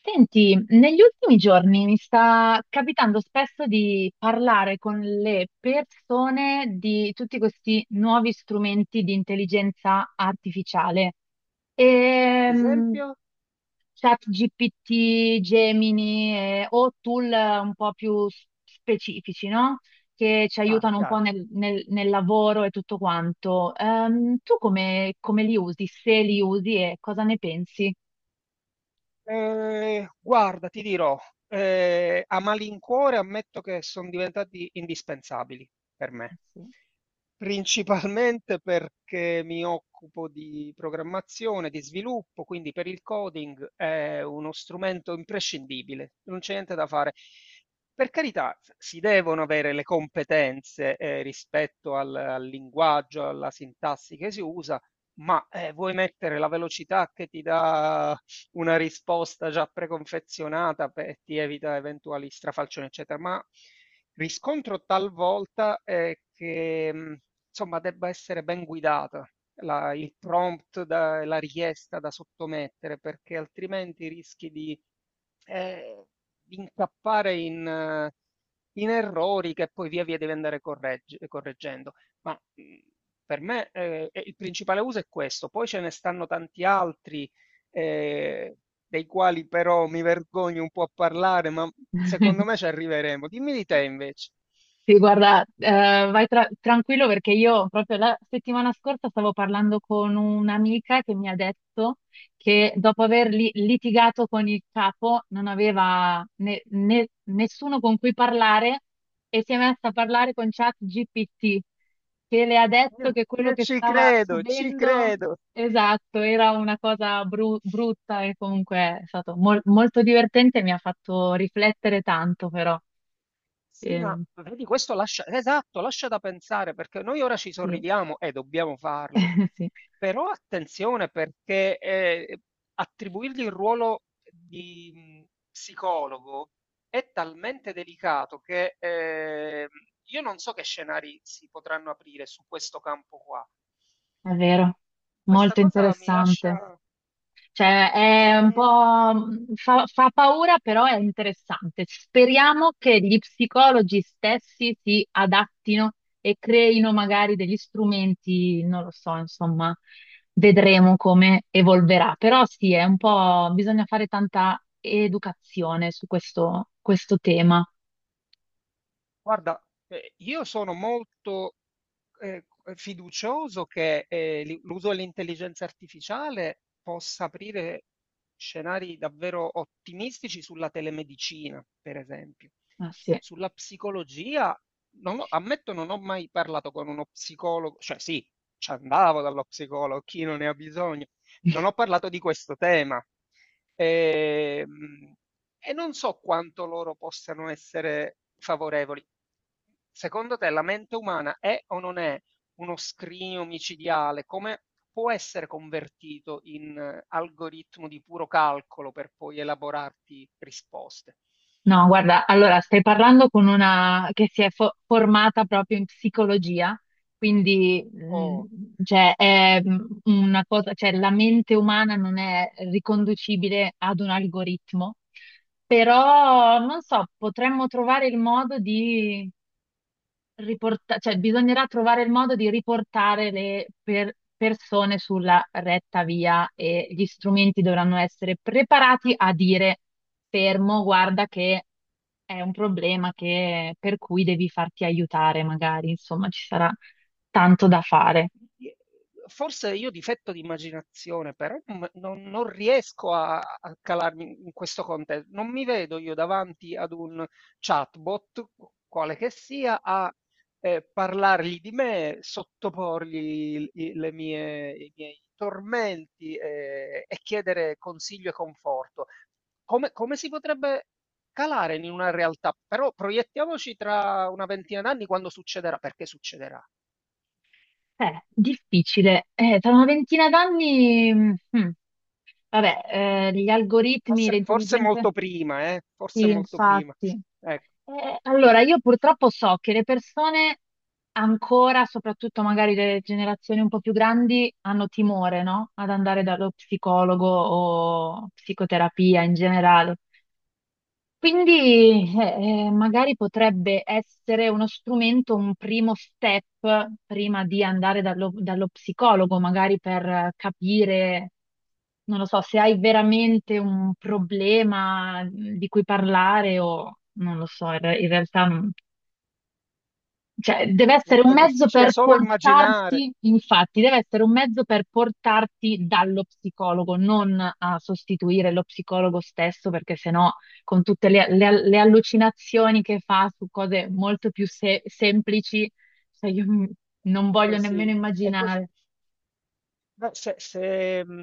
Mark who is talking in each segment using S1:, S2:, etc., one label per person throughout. S1: Senti, negli ultimi giorni mi sta capitando spesso di parlare con le persone di tutti questi nuovi strumenti di intelligenza artificiale.
S2: Ad
S1: Ehm,
S2: esempio?
S1: ChatGPT, Gemini, o tool un po' più specifici, no? Che ci
S2: Chiaro,
S1: aiutano un po'
S2: chiaro.
S1: nel lavoro e tutto quanto. Tu come li usi? Se li usi e cosa ne pensi?
S2: Guarda, ti dirò, a malincuore ammetto che son diventati indispensabili per me.
S1: Sì.
S2: Principalmente perché mi occupo di programmazione, di sviluppo, quindi per il coding è uno strumento imprescindibile, non c'è niente da fare. Per carità, s si devono avere le competenze, rispetto al linguaggio, alla sintassi che si usa, ma, vuoi mettere la velocità che ti dà una risposta già preconfezionata e ti evita eventuali strafalcioni, eccetera. Ma riscontro talvolta è che insomma debba essere ben guidata il prompt, la richiesta da sottomettere, perché altrimenti rischi eh, di incappare in, in errori che poi via via devi andare correggendo. Ma per me il principale uso è questo, poi ce ne stanno tanti altri eh, dei quali però mi vergogno un po' a parlare, ma secondo me ci arriveremo. Dimmi di te invece.
S1: Sì, guarda, vai tranquillo perché io proprio la settimana scorsa stavo parlando con un'amica che mi ha detto che dopo aver litigato con il capo non aveva nessuno con cui parlare e si è messa a parlare con ChatGPT che le ha detto
S2: Io,
S1: che quello
S2: io
S1: che
S2: ci
S1: stava
S2: credo, ci
S1: subendo,
S2: credo.
S1: esatto, era una cosa brutta e comunque è stato molto divertente e mi ha fatto riflettere tanto però.
S2: Sì, ma
S1: Ehm,
S2: vedi, questo lascia, esatto, lascia da pensare perché noi ora ci
S1: sì.
S2: sorridiamo e dobbiamo farlo,
S1: Sì,
S2: però attenzione perché attribuirgli il ruolo di psicologo è talmente delicato che io non so che scenari si potranno aprire su questo campo qua.
S1: è vero,
S2: Questa
S1: molto
S2: cosa mi
S1: interessante.
S2: lascia...
S1: Cioè, è un
S2: eh,
S1: po' fa paura, però è interessante. Speriamo che gli psicologi stessi si adattino e creino magari degli strumenti, non lo so, insomma, vedremo come evolverà. Però sì, è un po', bisogna fare tanta educazione su questo, questo tema.
S2: guarda, io sono molto eh, fiducioso che l'uso dell'intelligenza artificiale possa aprire scenari davvero ottimistici sulla telemedicina, per esempio.
S1: Ah, sì.
S2: Sulla psicologia, non ho- ammetto, non ho mai parlato con uno psicologo, cioè sì, ci andavo dallo psicologo, chi non ne ha bisogno. Non ho parlato di questo tema. Ehm, E non so quanto loro possano essere favorevoli. Secondo te la mente umana è o non è uno scrigno micidiale? Come può essere convertito in algoritmo di puro calcolo per poi elaborarti risposte?
S1: No, guarda, allora stai parlando con una che si è formata proprio in psicologia, quindi
S2: O
S1: cioè, è una cosa, cioè, la mente umana non è riconducibile ad un algoritmo, però non so, potremmo trovare il modo di cioè, bisognerà trovare il modo di riportare le persone sulla retta via e gli strumenti dovranno essere preparati a dire fermo, guarda che è un problema per cui devi farti aiutare, magari, insomma, ci sarà tanto da fare.
S2: forse io difetto di immaginazione, però non riesco a calarmi in questo contesto. Non mi vedo io davanti ad un chatbot, quale che sia, a parlargli di me, sottoporgli i miei tormenti e chiedere consiglio e conforto. Come, come si potrebbe calare in una realtà? Però proiettiamoci tra una ventina d'anni quando succederà, perché succederà.
S1: Difficile. Tra una ventina d'anni, vabbè, gli algoritmi, le
S2: Forse, forse
S1: intelligenze,
S2: molto prima, eh? Forse
S1: sì,
S2: molto prima.
S1: infatti.
S2: Ecco. Mm.
S1: Allora, io purtroppo so che le persone ancora, soprattutto magari le generazioni un po' più grandi, hanno timore, no? Ad andare dallo psicologo o psicoterapia in generale. Quindi magari potrebbe essere uno strumento, un primo step prima di andare dallo psicologo, magari per capire, non lo so, se hai veramente un problema di cui parlare o non lo so, in in realtà cioè, deve essere un
S2: È
S1: mezzo
S2: difficile
S1: per
S2: solo immaginare,
S1: portarti, infatti, deve essere un mezzo per portarti dallo psicologo, non a sostituire lo psicologo stesso, perché sennò con tutte le allucinazioni che fa su cose molto più semplici, cioè, io non
S2: è
S1: voglio nemmeno
S2: così, è così.
S1: immaginare.
S2: Beh, se,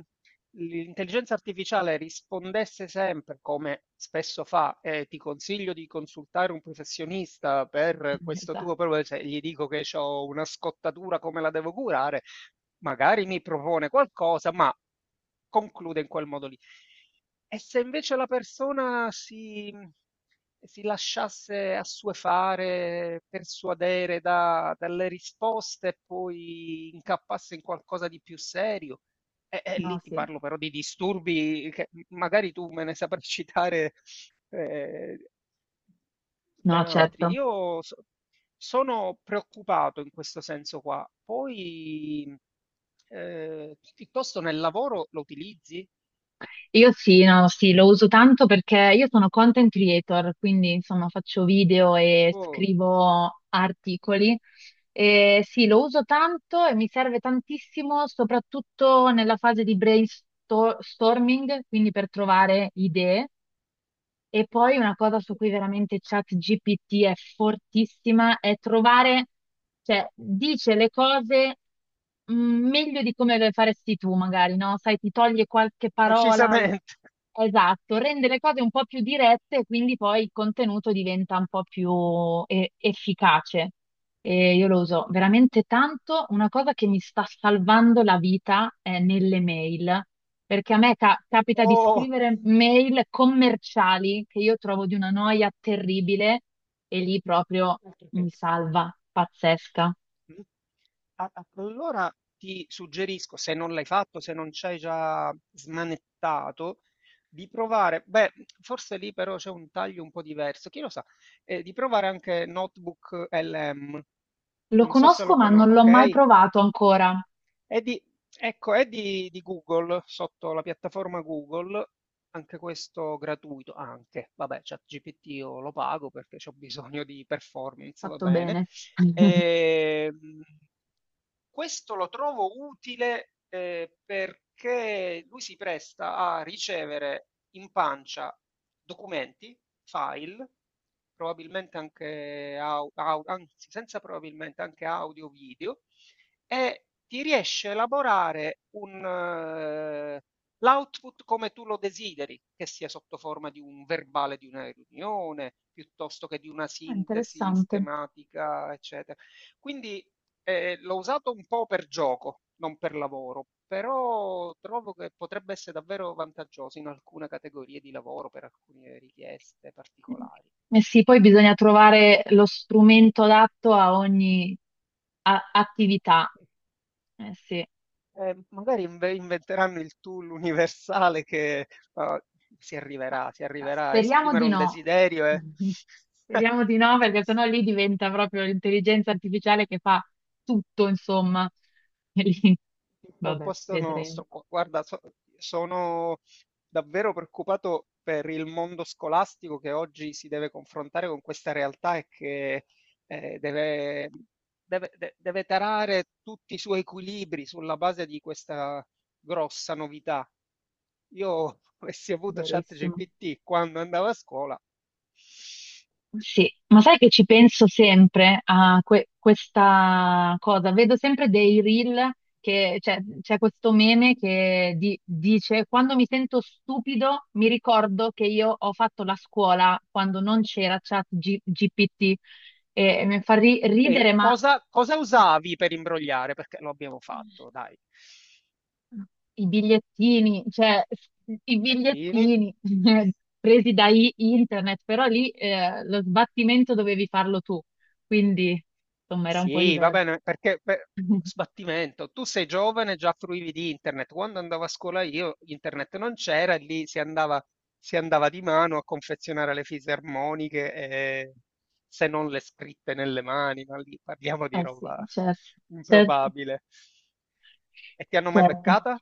S2: l'intelligenza artificiale rispondesse sempre, come spesso fa, e ti consiglio di consultare un professionista per questo
S1: Esatto.
S2: tuo problema, se gli dico che ho una scottatura, come la devo curare, magari mi propone qualcosa, ma conclude in quel modo lì. E se invece la persona si lasciasse assuefare, persuadere da dalle risposte e poi incappasse in qualcosa di più serio?
S1: No,
S2: Lì ti
S1: sì.
S2: parlo però di disturbi che m magari tu me ne saprai citare, ehm
S1: No,
S2: ben altri.
S1: certo.
S2: Io sono preoccupato in questo senso qua. Poi, tu piuttosto nel lavoro lo utilizzi?
S1: Io sì, no, sì, lo uso tanto perché io sono content creator, quindi insomma faccio video e
S2: O
S1: scrivo articoli. E sì, lo uso tanto e mi serve tantissimo, soprattutto nella fase di brainstorming, quindi per trovare idee. E poi una cosa su cui veramente ChatGPT è fortissima è trovare, cioè dice le cose meglio di come le faresti tu, magari, no? Sai, ti toglie qualche parola.
S2: decisamente.
S1: Esatto, rende le cose un po' più dirette e quindi poi il contenuto diventa un po' più efficace. E io lo uso veramente tanto. Una cosa che mi sta salvando la vita è nelle mail, perché a me capita di
S2: Oh.
S1: scrivere mail commerciali che io trovo di una noia terribile e lì proprio
S2: Altro
S1: mi
S2: che.
S1: salva, pazzesca.
S2: Mh. A a Allora ti suggerisco, se non l'hai fatto, se non c'hai già smanettato, di provare beh, forse lì però c'è un taglio un po' diverso, chi lo sa, di provare anche Notebook LM.
S1: Lo
S2: Non so se
S1: conosco,
S2: lo
S1: ma
S2: cono
S1: non l'ho mai
S2: okay?
S1: provato ancora.
S2: È di, ecco, è di Google, sotto la piattaforma Google, anche questo gratuito, anche, vabbè, ChatGPT io lo pago perché ho bisogno di performance, va
S1: Fatto
S2: bene.
S1: bene.
S2: Ehm, Questo lo trovo utile, perché lui si presta a ricevere in pancia documenti, file, probabilmente anche au au anzi senza probabilmente, anche audio, video e ti riesce a elaborare un l'output come tu lo desideri, che sia sotto forma di un verbale di una riunione, piuttosto che di una
S1: È
S2: sintesi
S1: interessante.
S2: schematica, eccetera. Quindi l'ho usato un po' per gioco, non per lavoro, però trovo che potrebbe essere davvero vantaggioso in alcune categorie di lavoro, per alcune richieste particolari.
S1: Eh sì, poi bisogna trovare lo strumento adatto a ogni attività. Eh sì.
S2: Magari inventeranno il tool universale che eh,
S1: Ma
S2: si arriverà a
S1: speriamo
S2: esprimere
S1: di
S2: un
S1: no.
S2: desiderio e
S1: Speriamo di no, perché sennò lì diventa proprio l'intelligenza artificiale che fa tutto, insomma. E lì,
S2: al
S1: vabbè,
S2: posto
S1: vedremo,
S2: nostro. Guarda, sono davvero preoccupato per il mondo scolastico che oggi si deve confrontare con questa realtà e che deve, deve tarare tutti i suoi equilibri sulla base di questa grossa novità. Io avessi avuto
S1: verissimo.
S2: ChatGPT quando andavo a scuola,
S1: Sì, ma sai che ci penso sempre a questa cosa? Vedo sempre dei reel che cioè, c'è questo meme che dice: Quando mi sento stupido, mi ricordo che io ho fatto la scuola quando non c'era Chat GPT e mi fa
S2: ok,
S1: ridere, ma.
S2: cosa, cosa usavi per imbrogliare? Perché lo abbiamo fatto, dai.
S1: I bigliettini, cioè i
S2: Bigliettini.
S1: bigliettini presi da internet, però lì lo sbattimento dovevi farlo tu, quindi insomma era un po'
S2: Sì, va
S1: diverso.
S2: bene, sbattimento, tu sei giovane, già fruivi di internet. Quando andavo a scuola io, internet non c'era, e lì si andava di mano a confezionare le fisarmoniche, e, se non le scritte nelle mani, ma lì parliamo di
S1: Eh sì,
S2: roba
S1: certo, certo,
S2: improbabile. E ti hanno mai
S1: certo.
S2: beccata?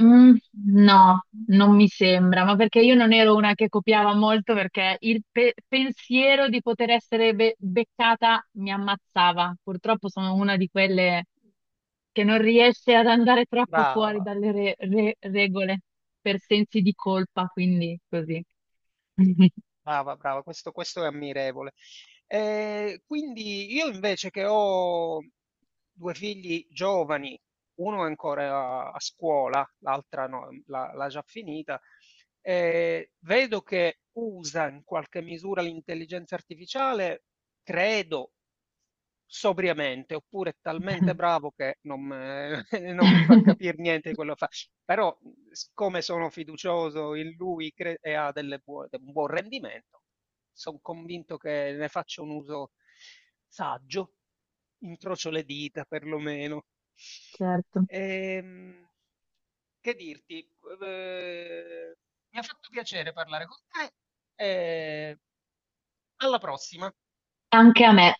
S1: Mm, no, non mi sembra, ma perché io non ero una che copiava molto perché il pensiero di poter essere beccata mi ammazzava. Purtroppo sono una di quelle che non riesce ad andare troppo fuori
S2: Brava.
S1: dalle regole per sensi di colpa, quindi così.
S2: Brava, brava, questo è ammirevole. Quindi io invece che ho due figli giovani, uno è ancora a scuola, l'altra no, l'ha già finita, vedo che usa in qualche misura l'intelligenza artificiale, credo, sobriamente, oppure è talmente bravo che non, non mi fa capire niente di quello che fa. Però, siccome sono fiducioso in lui cre e ha delle buo un buon rendimento, son convinto che ne faccia un uso saggio, incrocio le dita perlomeno.
S1: Certo,
S2: Ehm, che dirti, ehm, mi ha fatto piacere parlare con te e alla prossima.
S1: anche a me.